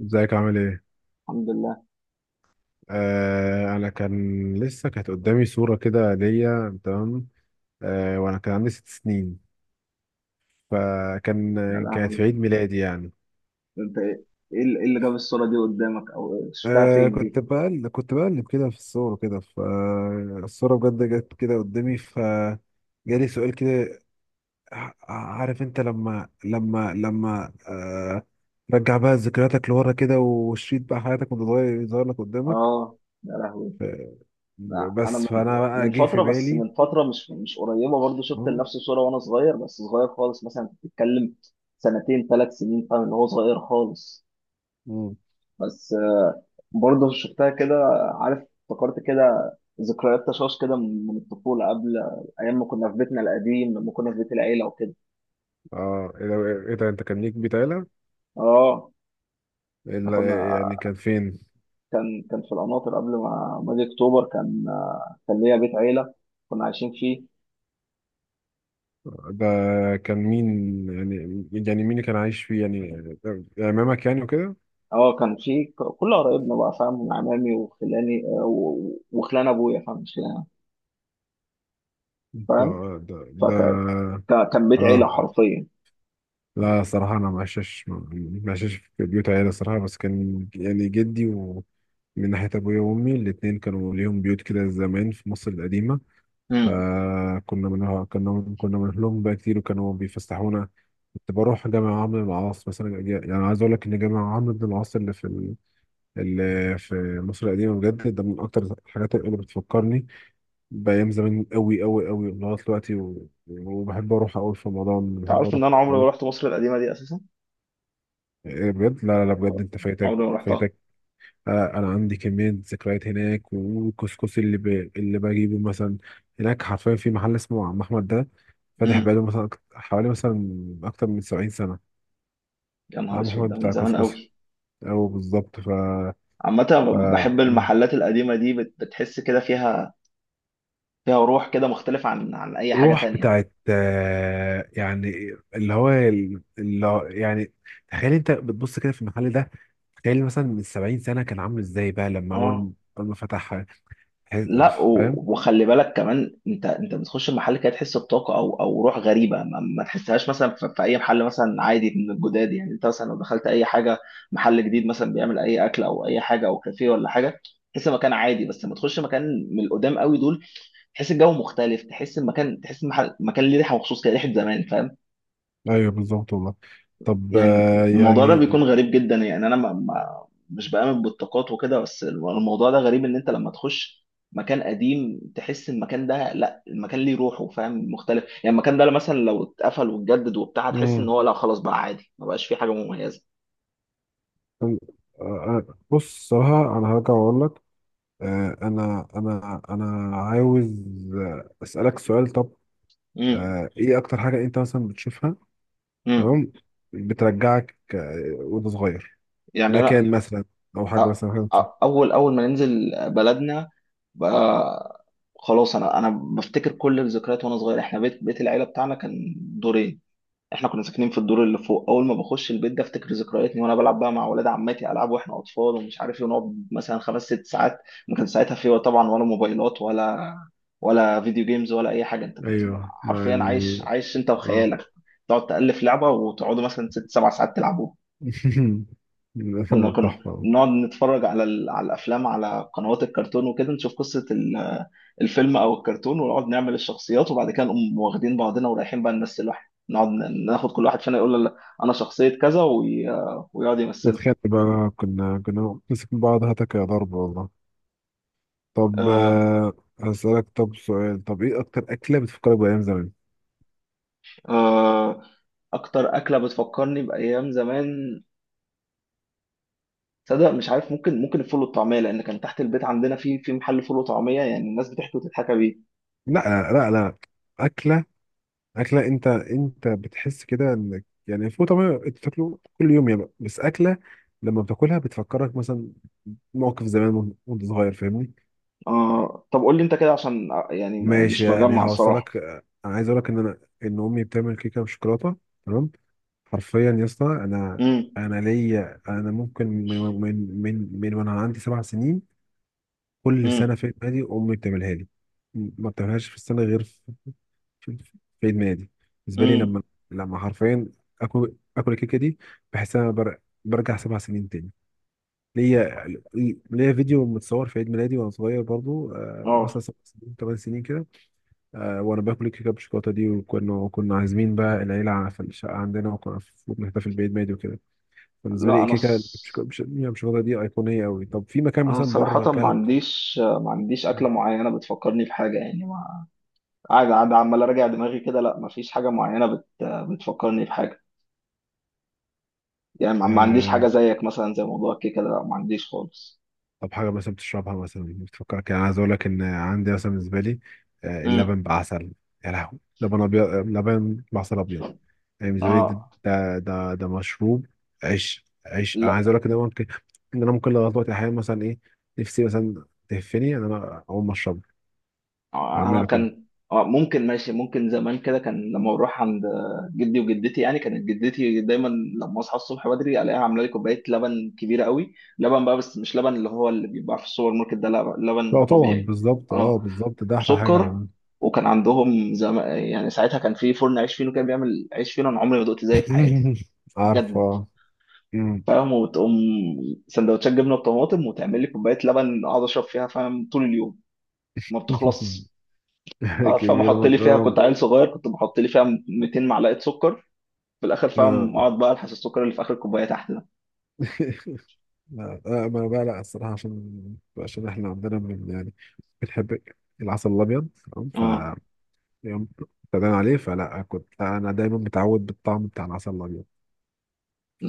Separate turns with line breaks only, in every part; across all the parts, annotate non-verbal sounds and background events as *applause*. ازيك عامل ايه؟
الحمد لله.
انا كان لسه كانت قدامي صورة كده ليا تمام. وانا كان عندي ست سنين فكان
يا
كانت في
لهوي.
عيد ميلادي يعني.
انت ايه. ايه اللي إيه اللي جاب الصورة دي قدامك او إيه؟ شفتها فين دي.
كنت بقلب كنت بقلب كده في الصور كده فالصورة بجد جت كده قدامي فجالي سؤال كده. عارف انت لما رجع بقى ذكرياتك لورا كده وشريط بقى حياتك وانت صغير يظهر لك قدامك.
اه. يا لهوي.
ف-
لا انا
بس
من
فانا بقى
من
جه في
فترة، بس
بالي.
من فترة مش قريبة، برضو شفت لنفس الصورة وانا صغير، بس صغير خالص، مثلا انت بتتكلم سنتين ثلاث سنين، فاهم اللي هو صغير خالص.
أهو.
بس برضو شفتها كده، عارف افتكرت كده، ذكريات تشاش كده من الطفولة، قبل ايام ما كنا في بيتنا القديم، لما كنا في بيت العيلة وكده.
اه ايه ده، إيه ده، انت كان ليك بيت عيلة؟
اه احنا كنا.
يعني كان فين؟
كان في القناطر قبل ما اجي اكتوبر، كان كان ليا بيت عيله كنا عايشين فيه.
ده كان مين يعني، يعني مين اللي كان عايش فيه يعني، عمامك يعني وكده؟
اه كان فيه كل قرايبنا بقى، فاهم، عمامي وخلاني وخلان ابويا، فاهم، مش خلاني أنا،
ده
فاهم،
ده ده
فكان بيت عيله
اه،
حرفيا.
لا صراحة انا ما عشتش في بيوت عيلة صراحة، بس كان يعني جدي ومن ناحية ابويا وامي الاتنين كانوا ليهم بيوت كده زمان في مصر القديمة.
امم.
فكنا منها كنا بنروح لهم بقى كتير وكانوا بيفسحونا. كنت بروح جامع عمرو بن العاص مثلا، يعني عايز اقول لك ان جامع عمرو بن العاص اللي في اللي في مصر القديمه بجد، ده من اكتر الحاجات اللي بتفكرني بايام زمان قوي قوي قوي لغايه دلوقتي، وبحب اروح قوي في رمضان،
انت
بحب
عارف
اروح
ان انا عمري
قوي.
ما رحت مصر القديمه دي اساسا،
إيه بجد؟ لا لا لا، بجد انت فايتك،
عمري ما رحتها.
فايتك. انا عندي كميه ذكريات هناك، والكسكسي اللي ب... اللي بجيبه مثلا هناك حرفيا في محل اسمه عم احمد ده، فاتح
امم.
بقاله مثلا حوالي مثلا اكتر من 70 سنه.
يا نهار
عم
اسود،
احمد
ده من
بتاع
زمان
كسكسي،
قوي.
أو بالظبط ف...
عامة أنا
ف...
بحب المحلات القديمة دي، بتحس كده فيها، فيها روح كده مختلف عن أي حاجة
روح
تانية.
بتاعت يعني اللي هو يعني تخيل انت بتبص كده في المحل ده، تخيل مثلا من 70 سنة كان عامل ازاي بقى لما
اه.
اول، اول ما فتح.
لا
تحس- فاهم؟
وخلي بالك كمان، انت بتخش المحل كده تحس بطاقه او او روح غريبه ما تحسهاش مثلا في اي محل مثلا عادي من الجداد، يعني انت مثلا لو دخلت اي حاجه، محل جديد مثلا بيعمل اي اكل او اي حاجه او كافيه ولا حاجه، تحس المكان عادي. بس لما تخش مكان من القدام قوي دول، تحس الجو مختلف، تحس المكان، تحس المحل، المكان ليه ريحه مخصوص كده، ريحه زمان، فاهم.
ايوه بالظبط والله. طب
يعني الموضوع ده
يعني
بيكون غريب جدا، يعني انا ما ما مش بآمن بالطاقات وكده، بس الموضوع ده غريب ان انت لما تخش مكان قديم تحس المكان ده، لا المكان ليه روحه، فاهم، مختلف. يعني المكان ده مثلا لو اتقفل واتجدد وبتاع، هتحس ان
امم،
هو لا خلاص بقى عادي، ما بقاش فيه حاجة مميزة.
آه، بص صراحة انا هرجع واقول لك. انا عاوز اسألك سؤال. طب
امم.
ايه اكتر حاجة انت مثلا بتشوفها؟
امم.
تمام. بترجعك وانت صغير،
يعني انا
مكان مثلا او
أ-
حاجه مثلا
أ- اول ما ننزل بلدنا بقى، خلاص انا بفتكر كل الذكريات وانا صغير. احنا بيت العيلة بتاعنا كان دورين، احنا كنا ساكنين في الدور اللي فوق. اول ما بخش البيت ده افتكر ذكرياتي وانا بلعب بقى مع ولاد عماتي العاب واحنا اطفال ومش عارف ايه، ونقعد مثلا 5 6 ساعات. ما كان ساعتها في طبعا ولا موبايلات ولا ولا فيديو جيمز ولا اي حاجه. انت كنت بقى
ايوه. مع
حرفيا عايش،
ال،
عايش انت
اه.
وخيالك. تقعد تالف لعبه وتقعدوا مثلا 6 7 ساعات تلعبوها. كنا
*laughs*
كنا
تحفه.
نقعد نتفرج على على الافلام، على قنوات الكرتون وكده، نشوف قصه الفيلم او الكرتون، ونقعد نعمل الشخصيات، وبعد كده نقوم واخدين بعضنا ورايحين بقى نمثل. واحد نقعد ناخد كل واحد فينا يقول له لا انا شخصيه كذا ويقعد
بتخيل
يمثله.
بقى كنا نمسك من بعض هتك يا ضرب والله. طب
آه...
هسألك طب سؤال. طب ايه اكتر اكله بتفكرك بايام زمان؟
آه... اكتر اكله بتفكرني بايام زمان، تصدق مش عارف. ممكن الفول والطعميه، لان كان تحت البيت عندنا في محل فول وطعميه، يعني الناس بتحكي وتضحك بيه.
لا، لا، لا، لا. اكله، اكله، انت بتحس كده انك يعني الفول طبعا انت بتاكله كل يوم يا بقى، بس اكله لما بتاكلها بتفكرك مثلا موقف زمان وانت وأنت صغير، فاهمني؟
طب قول لي انت كده، عشان يعني
ماشي
مش
يعني
مجمع الصراحه.
هوصلك. انا عايز اقول لك ان انا، ان امي بتعمل كيكه بالشوكولاته تمام. حرفيا يا اسطى انا، انا ليا انا ممكن من وانا عندي سبع سنين، كل
امم.
سنه في العيد امي بتعملها لي. ما بتعملهاش في السنه غير في ادماني دي. بالنسبه لي
امم
لما، لما حرفيا اكل الكيكه دي، بحس ان انا بر... برجع سبع سنين تاني. ليا، ليا فيديو متصور في عيد ميلادي وانا صغير برضو آه، مثلا
اه
سبع سنين، ثمان سنين كده. وانا باكل الكيكه بالشوكولاته دي، وكنا عازمين بقى العيله في الشقه عندنا، وكنا في- بنحتفل بعيد ميلادي وكده. بالنسبه لي
لا انا ص...
الكيكه بالشوكولاته دي ايقونيه قوي. طب في مكان
انا
مثلا بره
صراحة ما
اكلت؟
عنديش ما عنديش أكلة معينة بتفكرني بحاجة يعني ما قاعد قاعد عمال أراجع دماغي كده لا ما فيش حاجة معينة بت... بتفكرني بحاجة يعني ما ما عنديش حاجة زيك مثلا زي موضوع الكيكة ده لا ما عنديش خالص
طب حاجة مثلا بتشربها مثلا بتفكرك؟ يعني عايز أقول لك إن عندي مثلا بالنسبة لي
امم.
اللبن بعسل. يا لهوي، لبن أبيض، لبن بعسل أبيض. يعني بالنسبة لي ده،
اه
ده ده مشروب. عيش، عيش أنا
لا
عايز أقول لك إن أنا ممكن، إن أنا ممكن لغاية دلوقتي أحيانا مثلا إيه، نفسي مثلا تهفني إن أنا أقوم أشربه،
انا
أعمله كده.
كان ممكن ماشي، ممكن زمان كده، كان لما بروح عند جدي وجدتي، يعني كانت جدتي دايما لما اصحى الصبح بدري الاقيها عامله لي كوبايه لبن كبيره قوي، لبن بقى، بس مش لبن اللي هو اللي بيبقى في السوبر ماركت ده، لا لبن
لا طبعا،
طبيعي.
بالظبط، أه
اه.
بالظبط، ده أحلى حاجة هو.
سكر. وكان عندهم يعني ساعتها كان في فرن عيش فينو كان بيعمل عيش فينو، انا عمري ما دقت زيه في حياتي
*laughs*
بجد،
عارفة. مم.
فاهم، وتقوم سندوتشات جبنه بطماطم وتعمل لي كوبايه لبن اقعد اشرب فيها، فاهم، طول اليوم ما بتخلصش.
*laughs*
اه.
كبيرة
فمحط
من،
لي فيها، كنت عيل صغير كنت بحط لي فيها 200 معلقه سكر في الاخر،
آه. آه.
فاهم، اقعد بقى الحس السكر اللي في اخر الكوبايه تحت ده.
*laughs* لا ما بقى لا الصراحة، عشان عشان احنا عندنا من يعني بنحب العسل الأبيض تمام. ف
اه
يوم ابتدينا عليه فلا كنت أنا دايما متعود بالطعم بتاع العسل الأبيض.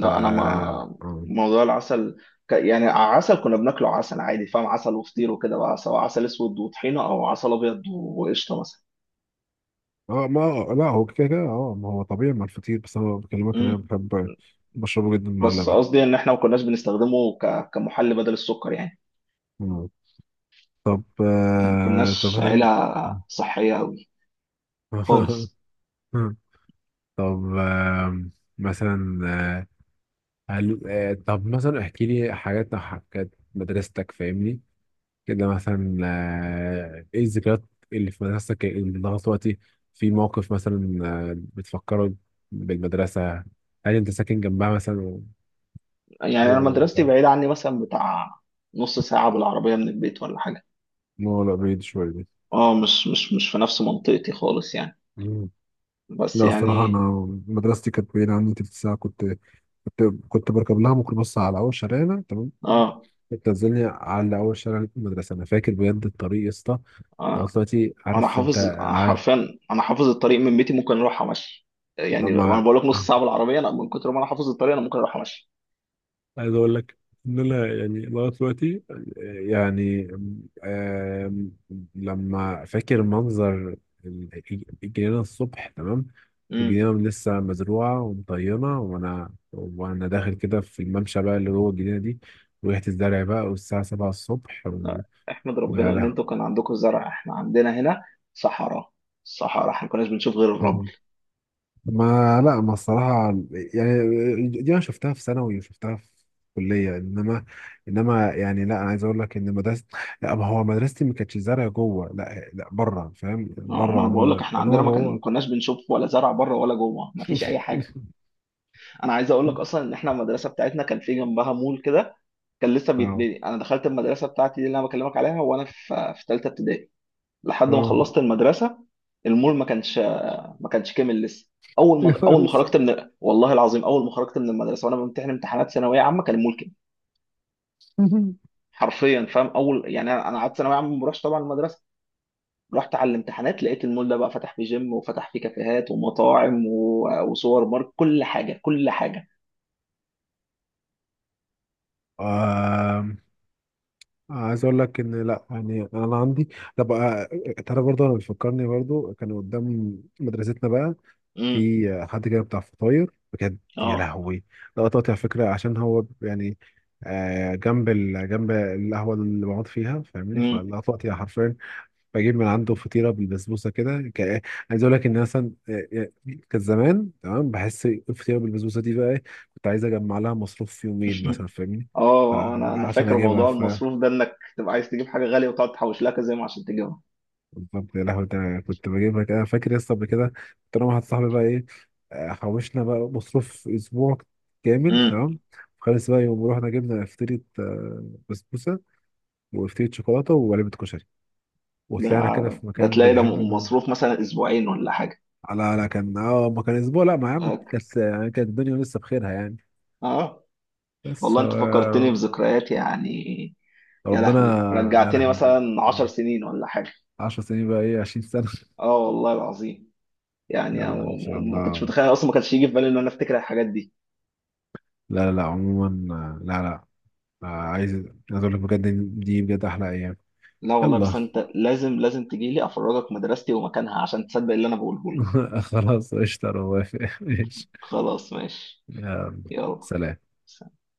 ف
انا
اه
ما موضوع العسل، يعني عسل كنا بناكله عسل عادي، فاهم، عسل وفطير وكده بقى، سواء عسل اسود وطحينه او عسل ابيض وقشطه مثلا.
ما، لا هو كده كده اه، ما هو طبيعي مع الفطير، بس أنا بكلمك إن أنا
امم.
بحب بشربه جدا مع
بس
اللبن.
قصدي ان احنا ما كناش بنستخدمه كمحل بدل السكر يعني،
مم. طب
ما
آه طب
كناش عيله
هل
صحيه قوي خالص.
*laughs* طب مثلا هل... آه طب مثلا احكي لي حاجات أو حاجات مدرستك، فاهمني؟ كده مثلا ايه الذكريات اللي في مدرستك اللي لغايه دلوقتي في موقف مثلا بتفكره بالمدرسة؟ هل انت ساكن جنبها مثلا و...
يعني انا
و...
مدرستي بعيده عني مثلا بتاع نص ساعة بالعربيه من البيت ولا حاجه.
لا لا بعيد شوية دي.
اه مش مش في نفس منطقتي خالص يعني،
مم.
بس
لا الصراحة أنا
يعني.
مدرستي كانت بعيدة عني تلت ساعة، كنت كنت بركب لها ميكروباص على أول شارعنا تمام،
اه
بتنزلني على أول شارع المدرسة. أنا فاكر بجد الطريق يا اسطى، لغاية
انا
دلوقتي عارف انت.
حافظ
عارف،
حرفيا، انا حافظ الطريق من بيتي، ممكن اروح امشي. يعني انا
مع،
بقول لك نص ساعه بالعربيه، انا من كتر ما انا حافظ الطريق انا ممكن اروح امشي.
عايز اقول لك ان انا يعني لغاية دلوقتي يعني آم، لما فاكر منظر الجنينة الصبح، تمام،
امم.
الجنينة لسه مزروعة ومطينة، وانا داخل كده في الممشى بقى اللي جوه الجنينة دي وريحة الزرع بقى، والساعة 7 الصبح،
احمد
ويا
ربنا ان
لهوي.
انتوا كان عندكم زرع، احنا عندنا هنا صحراء، صحراء، احنا ما كناش بنشوف غير الرمل.
ما، لا ما الصراحة، يعني دي أنا شفتها في ثانوي وشفتها في كلية إنما، إنما يعني لا أنا عايز أقول لك إن مدرسة، لا ما هو مدرستي ما كانتش زرع جوه، لا لا بره، فاهم؟ بره
ما انا بقول لك
عموما،
احنا
إنما
عندنا ما
جوه.
كناش بنشوف ولا زرع بره ولا جوه، ما فيش اي حاجه.
*laughs*
انا عايز اقول لك اصلا ان احنا المدرسه بتاعتنا كان في جنبها مول كده، كان لسه
أه،
بيتبني. انا دخلت المدرسه بتاعتي دي اللي انا بكلمك عليها وانا في ثالثه ابتدائي لحد ما
أه.
خلصت المدرسه، المول ما كانش، ما كانش كامل لسه. اول
يا
ما اول ما
فارس.
خرجت، من والله العظيم اول ما خرجت من المدرسه وانا بمتحن امتحانات ثانويه عامه كان المول كامل.
*laughs*
حرفيا، فاهم، اول يعني انا قعدت ثانويه عامه ما بروحش طبعا المدرسه، رحت على الامتحانات لقيت المول ده بقى فتح فيه جيم وفتح فيه كافيهات ومطاعم وسوبر ماركت، كل حاجه، كل حاجه.
آم، عايز أقول لك إن لا يعني أنا عندي، طب ترى برضه أنا بيفكرني برضه كان قدام مدرستنا بقى
امم.
في حد كده بتاع فطاير بجد. يا
اه.
لهوي، ده قطعت على فكره، عشان هو يعني جنب ال... جنب القهوه اللي بقعد فيها فاهمني،
امم.
فالقطعت يعني حرفيا بجيب من عنده فطيره بالبسبوسه كده ك... عايز اقول لك ان مثلا كان زمان تمام. بحس الفطيره بالبسبوسه دي بقى إيه، كنت عايز اجمع لها مصروف في يومين
*laughs*
مثلا فاهمني. ف-
اه انا
عشان
فاكر
اجيبها،
موضوع المصروف ده، انك تبقى عايز تجيب حاجه غاليه وتقعد تحوش لها كذا يوم عشان تجيبها.
بالظبط. يا لهوي، ده أنا كنت بجيبها كده فاكر يا اسطى. قبل كده كنت انا واحد صاحبي بقى ايه، حوشنا بقى مصروف اسبوع كامل
امم.
تمام خالص بقى، يوم رحنا جبنا فطيرة بسبوسة وفطيرة شوكولاتة وعلبة كشري
ده
وطلعنا كده في
ده
مكان
تلاقي ده
بنحب نقعد-
مصروف مثلا اسبوعين ولا حاجه.
على لا كان اه، ما كان اسبوع لا، ما يا عم
هك-
كانت يعني كانت الدنيا لسه بخيرها يعني.
اه
بس ف
والله انت فكرتني بذكريات يعني، يا
ربنا.
لهوي
يا
رجعتني
لهوي،
مثلا 10 سنين ولا حاجه.
10 سنين بقى ايه، 20 سنة *laughs*
اه والله العظيم.
لا
يعني أنا
لا ان شاء
ما كنتش
الله،
متخيل اصلا، ما كانش يجي في بالي ان انا افتكر الحاجات دي.
لا لا لا عموما لا لا، عايز اقول لك بجد إن دي بجد احلى ايام.
لا والله.
يلا
بس انت لازم تجي لي افرجك مدرستي ومكانها عشان تصدق اللي انا بقوله لك.
*laughs* خلاص قشطة، انا موافق. *laughs* ماشي،
خلاص ماشي.
يلا،
يلا.
سلام.